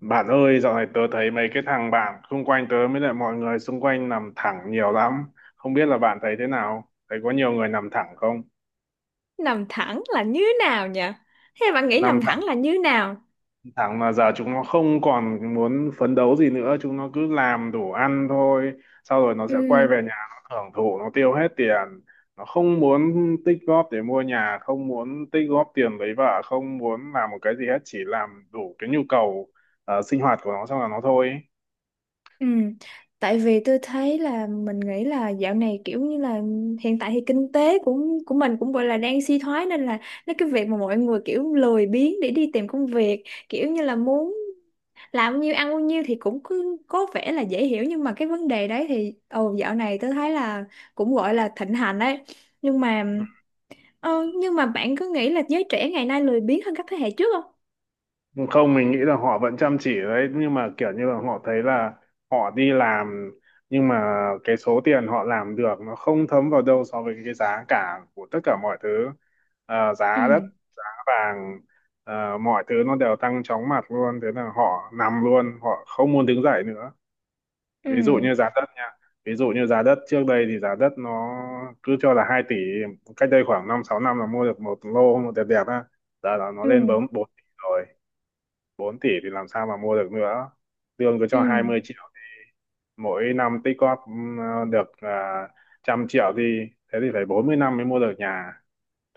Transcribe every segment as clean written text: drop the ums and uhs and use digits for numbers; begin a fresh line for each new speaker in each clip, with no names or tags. Bạn ơi, dạo này tớ thấy mấy cái thằng bạn xung quanh tớ với lại mọi người xung quanh nằm thẳng nhiều lắm. Không biết là bạn thấy thế nào? Thấy có nhiều người nằm thẳng không?
Nằm thẳng là như nào nhỉ? Thế bạn nghĩ
Nằm
nằm
thẳng,
thẳng là như nào?
thẳng mà giờ chúng nó không còn muốn phấn đấu gì nữa. Chúng nó cứ làm đủ ăn thôi. Sau rồi nó sẽ quay
Ừ,
về nhà, nó hưởng thụ, nó tiêu hết tiền. Nó không muốn tích góp để mua nhà, không muốn tích góp tiền lấy vợ, không muốn làm một cái gì hết. Chỉ làm đủ cái nhu cầu sinh hoạt của nó xong là nó thôi.
ừ. Tại vì tôi thấy là mình nghĩ là dạo này kiểu như là hiện tại thì kinh tế của mình cũng gọi là đang suy thoái, nên là nó cái việc mà mọi người kiểu lười biếng để đi tìm công việc, kiểu như là muốn làm bao nhiêu ăn bao nhiêu thì cũng cứ có vẻ là dễ hiểu. Nhưng mà cái vấn đề đấy thì ồ, dạo này tôi thấy là cũng gọi là thịnh hành đấy. Nhưng mà nhưng mà bạn có nghĩ là giới trẻ ngày nay lười biếng hơn các thế hệ trước không?
Không, mình nghĩ là họ vẫn chăm chỉ đấy, nhưng mà kiểu như là họ thấy là họ đi làm, nhưng mà cái số tiền họ làm được nó không thấm vào đâu so với cái giá cả của tất cả mọi thứ. Giá đất,
Ừ.
giá vàng, mọi thứ nó đều tăng chóng mặt luôn. Thế là họ nằm luôn, họ không muốn đứng dậy nữa.
Ừ,
Ví dụ như giá đất nha, ví dụ như giá đất trước đây thì giá đất nó cứ cho là 2 tỷ. Cách đây khoảng 5-6 năm là mua được một lô một đẹp đẹp á. Giờ là nó lên
ừ,
bấm 4 tỷ rồi. Bốn tỷ thì làm sao mà mua được nữa. Lương cứ cho hai
ừ,
mươi triệu mỗi năm tích góp được 100 triệu thì, thế thì phải 40 năm mới mua được nhà.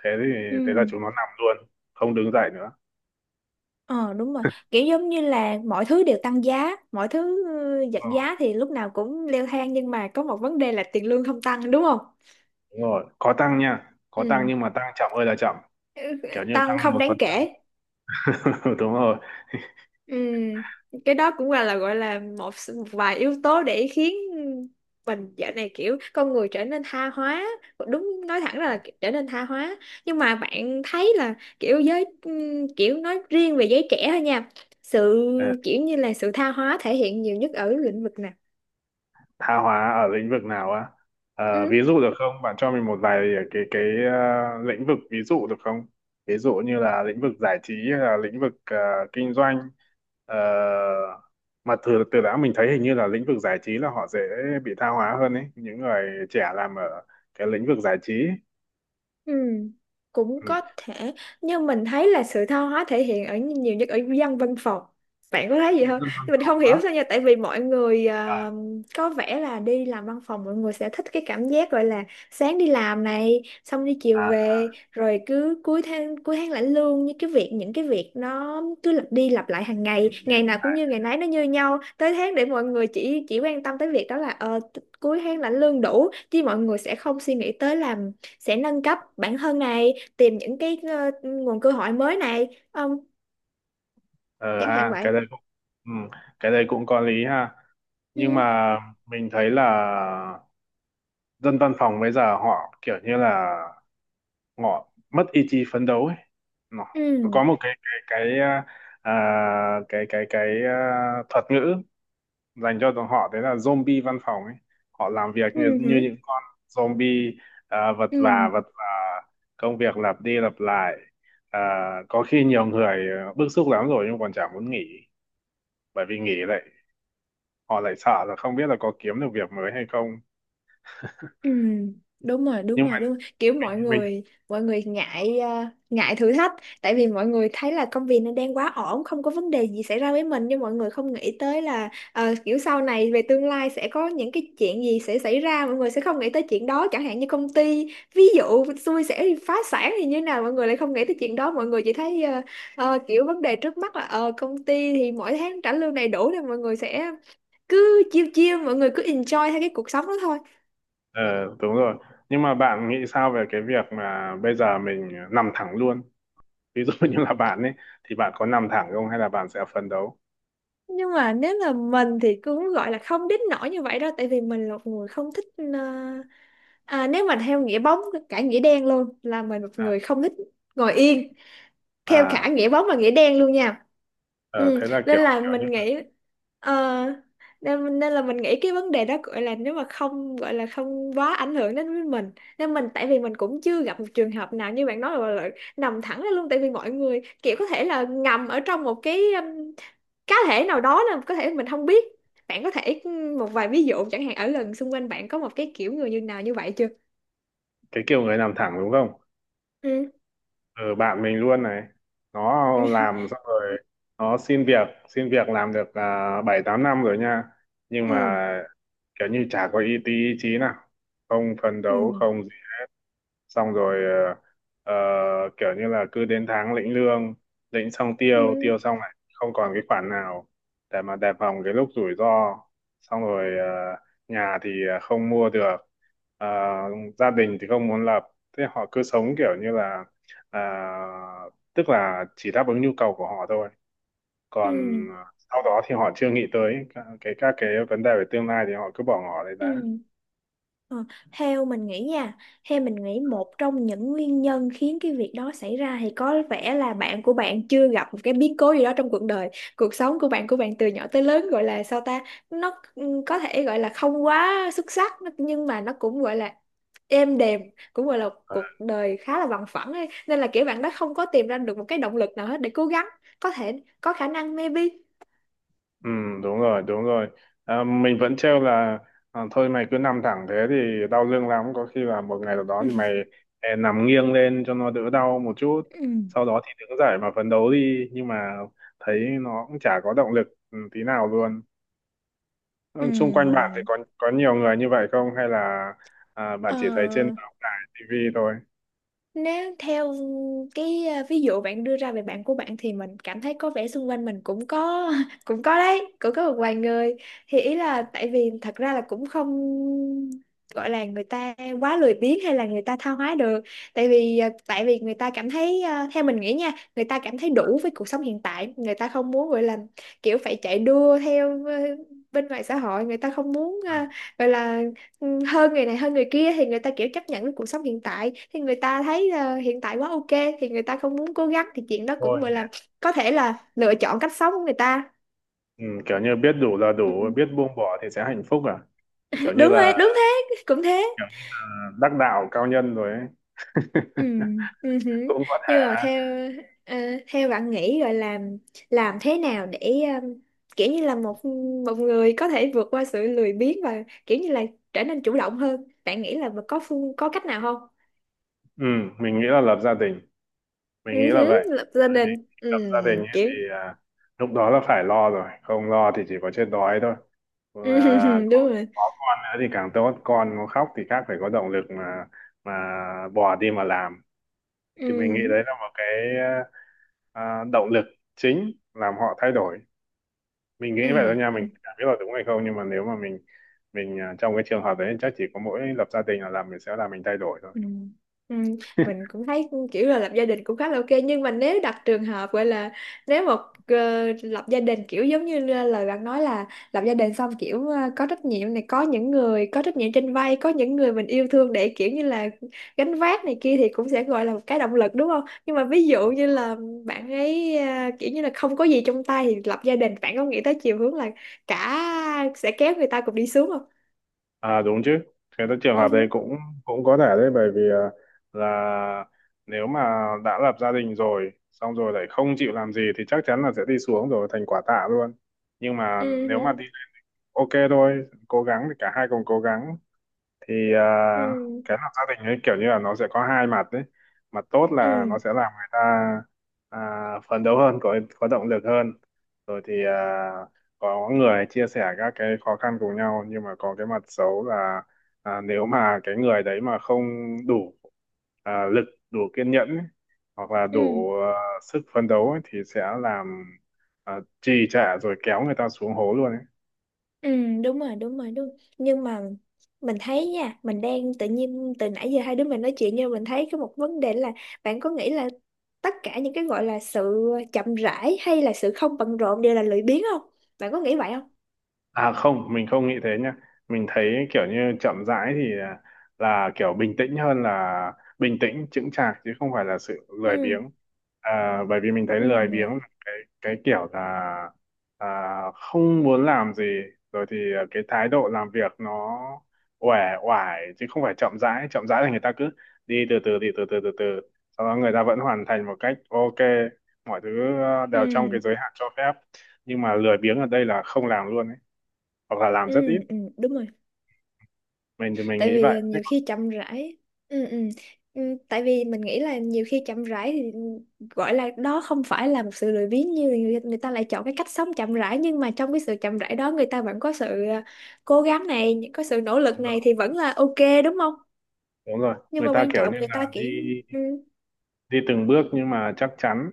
thế thì Thế là
ừ.
chúng nó nằm luôn, không đứng dậy nữa.
Ờ, đúng rồi, kiểu giống như là mọi thứ đều tăng giá, mọi thứ, ừ,
Ờ,
giảm giá thì lúc nào cũng leo thang, nhưng mà có một vấn đề là tiền lương không tăng, đúng không?
đúng rồi, có tăng nha, có tăng
Ừ.
nhưng mà tăng chậm ơi là chậm,
Ừ,
kiểu như
tăng
tăng
không
một
đáng
phần trăm
kể.
Đúng rồi.
Ừ, cái đó cũng là gọi là một một vài yếu tố để khiến mình. Dạo này kiểu con người trở nên tha hóa, đúng, nói thẳng ra là trở nên tha hóa. Nhưng mà bạn thấy là kiểu giới kiểu nói riêng về giới trẻ thôi nha, sự,
Ờ,
kiểu như là sự tha hóa thể hiện nhiều nhất ở lĩnh vực nào?
tha hóa ở lĩnh vực nào á? Ờ,
Ừ.
ví dụ được không? Bạn cho mình một vài cái lĩnh vực ví dụ được không? Ví dụ như là lĩnh vực giải trí hay là lĩnh vực kinh doanh. Ờ, mà từ từ đã, mình thấy hình như là lĩnh vực giải trí là họ dễ bị tha hóa hơn ấy, những người trẻ làm ở cái lĩnh vực giải trí.
Ừ, cũng
Ừ.
có thể, nhưng mình thấy là sự tha hóa thể hiện ở nhiều nhất ở dân văn phòng. Bạn có thấy gì không?
Dân văn
Mình
phòng
không
á?
hiểu sao nha, tại vì mọi người
à,
có vẻ là đi làm văn phòng mọi người sẽ thích cái cảm giác gọi là sáng đi làm này, xong đi chiều
à,
về, rồi cứ cuối tháng lãnh lương, như cái việc, những cái việc nó cứ lặp đi lặp lại hàng ngày,
Hiểu.
ngày nào cũng như ngày nấy nó như nhau, tới tháng để mọi người chỉ quan tâm tới việc đó, là cuối tháng lãnh lương đủ chứ. Mọi người sẽ không suy nghĩ tới làm, sẽ nâng cấp bản thân này, tìm những cái nguồn cơ hội mới này không,
Ờ
chẳng hạn
ha,
vậy.
ừ, cái đấy cũng có lý ha. Nhưng
Ừ,
mà mình thấy là dân văn phòng bây giờ họ kiểu như là họ mất ý chí phấn đấu ấy. nó nó
ừ,
có một cái thuật ngữ dành cho tụi họ, đấy là zombie văn phòng ấy. Họ làm việc như
ừ,
như
ừ.
những con zombie, vật vã
Ừ.
vật vã. Công việc lặp đi lặp lại. à, có khi nhiều người bức xúc lắm rồi nhưng còn chả muốn nghỉ, bởi vì nghỉ lại họ lại sợ là không biết là có kiếm được việc mới hay không.
Ừ, đúng rồi, đúng
Nhưng mà
rồi, đúng rồi. Kiểu mọi
mình
người mọi người ngại, ngại thử thách. Tại vì mọi người thấy là công việc nó đang quá ổn, không có vấn đề gì xảy ra với mình, nhưng mọi người không nghĩ tới là kiểu sau này về tương lai sẽ có những cái chuyện gì sẽ xảy ra, mọi người sẽ không nghĩ tới chuyện đó. Chẳng hạn như công ty ví dụ xui sẽ bị phá sản thì như nào, mọi người lại không nghĩ tới chuyện đó, mọi người chỉ thấy kiểu vấn đề trước mắt là công ty thì mỗi tháng trả lương đầy đủ, thì mọi người sẽ cứ chiêu chiêu, mọi người cứ enjoy theo cái cuộc sống đó thôi.
Ờ, đúng rồi. Nhưng mà bạn nghĩ sao về cái việc mà bây giờ mình nằm thẳng luôn? Ví dụ như là bạn ấy, thì bạn có nằm thẳng không hay là bạn sẽ phấn đấu?
Nhưng mà nếu là mình thì cũng gọi là không đến nỗi như vậy đâu, tại vì mình là một người không thích nếu mà theo nghĩa bóng, cả nghĩa đen luôn, là mình một
À,
người không thích ngồi yên theo cả
à
nghĩa bóng và nghĩa đen luôn nha.
ờ,
Ừ,
thế là
nên
kiểu
là
kiểu như
mình nghĩ, ờ, nên là mình nghĩ cái vấn đề đó gọi là, nếu mà không, gọi là không quá ảnh hưởng đến với mình. Nên mình, tại vì mình cũng chưa gặp một trường hợp nào như bạn nói là, nằm thẳng ra luôn. Tại vì mọi người kiểu có thể là ngầm ở trong một cái cá thể nào đó là có thể mình không biết. Bạn có thể một vài ví dụ chẳng hạn ở lần xung quanh bạn có một cái kiểu người như nào như vậy chưa?
cái kiểu người nằm thẳng đúng không?
Ừ,
Ừ, bạn mình luôn này. Nó làm xong rồi, nó xin việc, làm được 7-8 năm rồi nha. Nhưng
ừ,
mà kiểu như chả có tí ý chí nào. Không phấn
ừ,
đấu, không xong rồi, ờ, kiểu như là cứ đến tháng lĩnh lương, lĩnh xong tiêu
ừ,
tiêu xong lại không còn cái khoản nào để mà đề phòng cái lúc rủi ro. Xong rồi nhà thì không mua được, ờ, gia đình thì không muốn lập. Thế họ cứ sống kiểu như là, ờ, tức là chỉ đáp ứng nhu cầu của họ thôi,
ừ,
còn
ừ,
sau đó thì họ chưa nghĩ tới cái các cái vấn đề về tương lai thì họ cứ bỏ ngỏ đấy
ừ.
đã.
Ờ, theo mình nghĩ nha, theo mình nghĩ một trong những nguyên nhân khiến cái việc đó xảy ra thì có vẻ là bạn của bạn chưa gặp một cái biến cố gì đó trong cuộc đời. Cuộc sống của bạn từ nhỏ tới lớn gọi là sao ta, nó, ừ, có thể gọi là không quá xuất sắc, nhưng mà nó cũng gọi là êm đềm, cũng gọi là cuộc đời khá là bằng phẳng ấy. Nên là kiểu bạn đó không có tìm ra được một cái động lực nào hết để cố gắng, có thể, có khả năng, maybe.
Ừ, đúng rồi, đúng rồi. À, mình vẫn trêu là, thôi mày cứ nằm thẳng thế thì đau lưng lắm. Có khi là một ngày nào đó thì mày nằm nghiêng lên cho nó đỡ đau một chút.
Ừ.
Sau đó thì đứng dậy mà phấn đấu đi. Nhưng mà thấy nó cũng chả có động lực tí nào luôn.
Ừ.
Ừ, xung quanh bạn thì có nhiều người như vậy không? Hay là bạn
Ờ,
chỉ thấy trên báo đài, TV thôi?
nếu theo ví dụ bạn đưa ra về bạn của bạn, thì mình cảm thấy có vẻ xung quanh mình cũng có cũng có đấy, cũng có một vài người. Thì ý là tại vì thật ra là cũng không gọi là người ta quá lười biếng hay là người ta tha hóa được. Tại vì người ta cảm thấy, theo mình nghĩ nha, người ta cảm thấy đủ với cuộc sống hiện tại, người ta không muốn gọi là kiểu phải chạy đua theo bên ngoài xã hội. Người ta không muốn,
Ừ,
gọi là, ừ, hơn người này hơn người kia, thì người ta kiểu chấp nhận với cuộc sống hiện tại. Thì người ta thấy hiện tại quá ok, thì người ta không muốn cố gắng, thì chuyện đó cũng
thôi
gọi
nhỉ.
là có thể là lựa chọn cách sống của người ta.
Ừ, kiểu như biết đủ là
Ừ.
đủ, biết buông bỏ thì sẽ hạnh phúc à? Kiểu như
Đúng
là
rồi, đúng thế, cũng thế.
Kiểu như là đắc đạo cao nhân rồi ấy.
Ừ. Ừ. Hử.
Cũng có
Nhưng mà
thể.
theo, ờ, theo bạn nghĩ gọi là làm thế nào để ờ, kiểu như là một một người có thể vượt qua sự lười biếng và kiểu như là trở nên chủ động hơn? Bạn nghĩ là có phương, có cách nào không?
ừ, mình nghĩ là lập gia đình,
Ừ.
mình nghĩ là
Hử,
vậy.
lập gia
Bởi vì
đình.
khi
Ừ.
lập gia đình ấy,
Kiểu.
thì lúc đó là phải lo rồi, không lo thì chỉ có chết đói thôi.
Ừ,
à,
đúng
có,
rồi.
có con nữa thì càng tốt, con nó khóc thì khác phải có động lực, mà bò đi mà làm. Thì mình nghĩ
Ừ,
đấy là một cái động lực chính làm họ thay đổi. Mình nghĩ
ừ,
vậy thôi nha,
ừ,
mình chẳng biết là đúng hay không, nhưng mà nếu mà mình, trong cái trường hợp đấy chắc chỉ có mỗi lập gia đình là làm mình thay đổi thôi.
ừ, ừ. Mình cũng thấy kiểu là lập gia đình cũng khá là ok, nhưng mà nếu đặt trường hợp gọi là, nếu một, lập gia đình kiểu giống như lời bạn nói là lập gia đình xong kiểu có trách nhiệm này, có những người có trách nhiệm trên vai, có những người mình yêu thương để kiểu như là gánh vác này kia, thì cũng sẽ gọi là một cái động lực, đúng không? Nhưng mà ví dụ như là bạn ấy kiểu như là không có gì trong tay thì lập gia đình, bạn có nghĩ tới chiều hướng là cả sẽ kéo người ta cùng đi xuống
À đúng chứ. Thế là trường hợp đấy
không?
cũng, cũng có thể đấy. Bởi vì là nếu mà đã lập gia đình rồi, xong rồi lại không chịu làm gì thì chắc chắn là sẽ đi xuống, rồi thành quả tạ luôn. Nhưng mà nếu mà
Ừ,
đi ok thôi, cố gắng thì cả hai cùng cố gắng thì
ừ,
cái lập gia đình ấy kiểu như là nó sẽ có hai mặt đấy. Mặt tốt là nó
ừ,
sẽ làm người ta phấn đấu hơn, có động lực hơn, rồi thì có người chia sẻ các cái khó khăn cùng nhau. Nhưng mà có cái mặt xấu là, nếu mà cái người đấy mà không đủ lực, đủ kiên nhẫn ấy, hoặc là
ừ,
đủ sức phấn đấu ấy, thì sẽ làm trì trệ rồi kéo người ta xuống hố luôn ấy.
ừ, đúng rồi, đúng rồi, đúng. Nhưng mà mình thấy nha, mình đang tự nhiên từ nãy giờ hai đứa mình nói chuyện, nhưng mình thấy có một vấn đề là, bạn có nghĩ là tất cả những cái gọi là sự chậm rãi hay là sự không bận rộn đều là lười biếng không? Bạn có nghĩ vậy không?
À không, mình không nghĩ thế nhá. Mình thấy kiểu như chậm rãi thì là kiểu bình tĩnh, hơn là bình tĩnh chững chạc, chứ không phải là sự lười
Ừ,
biếng. À, bởi vì mình thấy lười biếng
ừ,
là cái cái kiểu là không muốn làm gì, rồi thì cái thái độ làm việc nó uể oải chứ không phải chậm rãi. Chậm rãi là người ta cứ đi từ từ, đi từ từ, từ từ, sau đó người ta vẫn hoàn thành một cách ok, mọi thứ đều trong cái
ừ,
giới hạn cho phép. Nhưng mà lười biếng ở đây là không làm luôn ấy, hoặc là làm
ừ,
rất ít.
ừ, đúng rồi.
Mình thì mình
Tại
nghĩ
vì,
vậy.
nhiều khi chậm rãi, ừ, ừ. Ừ, tại vì mình nghĩ là nhiều khi chậm rãi thì, ừ, gọi là đó không phải là một sự lười biếng, như người ta lại chọn cái cách sống chậm rãi, nhưng mà trong cái sự chậm rãi đó người ta vẫn có sự, cố gắng này, có sự nỗ lực
Đúng rồi,
này, thì vẫn là ok, đúng không?
đúng rồi,
Nhưng
người
mà
ta
quan
kiểu
trọng
như
người ta
là
kiểu,
đi,
ừ,
từng bước nhưng mà chắc chắn,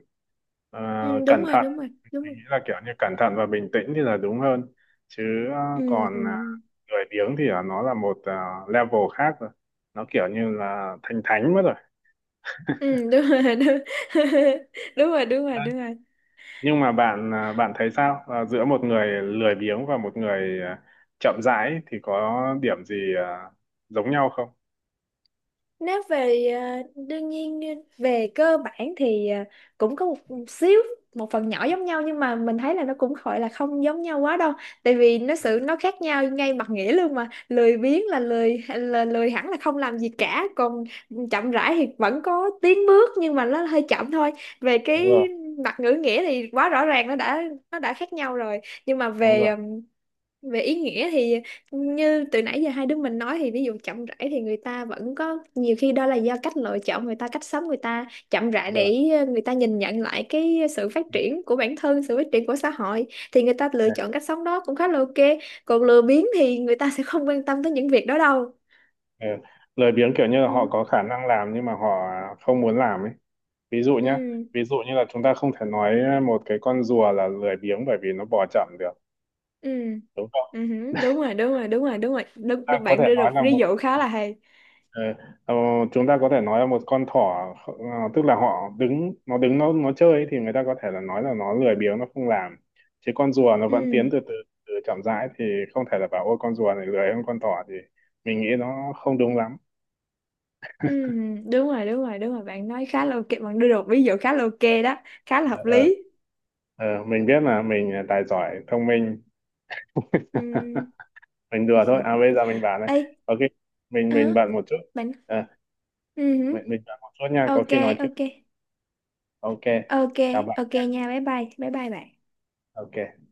ờ,
ừ, đúng
cẩn
rồi,
thận.
đúng rồi, đúng
Mình
rồi.
nghĩ là kiểu như cẩn thận và bình tĩnh thì là đúng hơn, chứ ờ,
Ừ, ừ.
còn lười biếng thì là nó là một level khác rồi, nó kiểu như là thành thánh mất rồi.
Ừ, đúng rồi, đúng, đúng rồi, đúng rồi, đúng rồi.
Nhưng mà bạn thấy sao, giữa một người lười biếng và một người chậm rãi thì có điểm gì giống nhau không?
Nếu về, đương nhiên, về cơ bản thì, cũng có một xíu, một phần nhỏ giống nhau, nhưng mà mình thấy là nó cũng gọi là không giống nhau quá đâu. Tại vì nó khác nhau ngay mặt nghĩa luôn mà, lười biếng là lười, là lười hẳn, là không làm gì cả, còn chậm rãi thì vẫn có tiến bước nhưng mà nó hơi chậm thôi. Về
Đúng rồi,
cái mặt ngữ nghĩa thì quá rõ ràng, nó đã, khác nhau rồi, nhưng mà
đúng
về
rồi,
về ý nghĩa thì, như từ nãy giờ hai đứa mình nói, thì ví dụ chậm rãi thì người ta vẫn có nhiều khi đó là do cách lựa chọn, người ta cách sống, người ta chậm rãi
rồi,
để người ta nhìn nhận lại cái sự phát
ừ.
triển của bản thân, sự phát triển của xã hội, thì người ta lựa
Ừ.
chọn cách sống đó cũng khá là ok. Còn lười biếng thì người ta sẽ không quan tâm tới những việc đó đâu.
Ừ. Lười biếng kiểu như là họ
Ừ,
có khả năng làm nhưng mà họ không muốn làm ấy. Ví dụ nhá,
ừ,
ví dụ như là chúng ta không thể nói một cái con rùa là lười biếng bởi vì nó bò chậm được,
ừ.
đúng không?
Ừ, hử, đúng rồi, đúng rồi, đúng rồi, đúng rồi, đúng, đúng,
Ta có thể
bạn đưa
nói
được
là
ví
một
dụ khá là hay.
ờ, ờ, Chúng ta có thể nói là một con thỏ, tức là họ đứng nó chơi ấy, thì người ta có thể là nói là nó lười biếng, nó không làm, chứ con rùa nó vẫn tiến
Ừ.
từ từ, từ chậm rãi thì không thể là bảo ôi con rùa này lười hơn con thỏ, thì mình nghĩ nó không đúng lắm.
Ừ, đúng rồi, đúng rồi, đúng rồi, bạn nói khá là ok, bạn đưa được ví dụ khá là ok đó, khá là hợp
Ờ,
lý.
Ờ, mình biết là mình tài giỏi thông minh.
Ừ.
Mình đùa thôi à, bây giờ mình bảo này,
Ê,
ok,
ờ,
mình bận một chút.
bạn,
Ờ,
ừ,
mình bận một chút nha, có
ok,
khi nói chuyện,
ok,
ok,
ok,
chào bạn,
ok nha, bye bye bye bye bạn.
ok.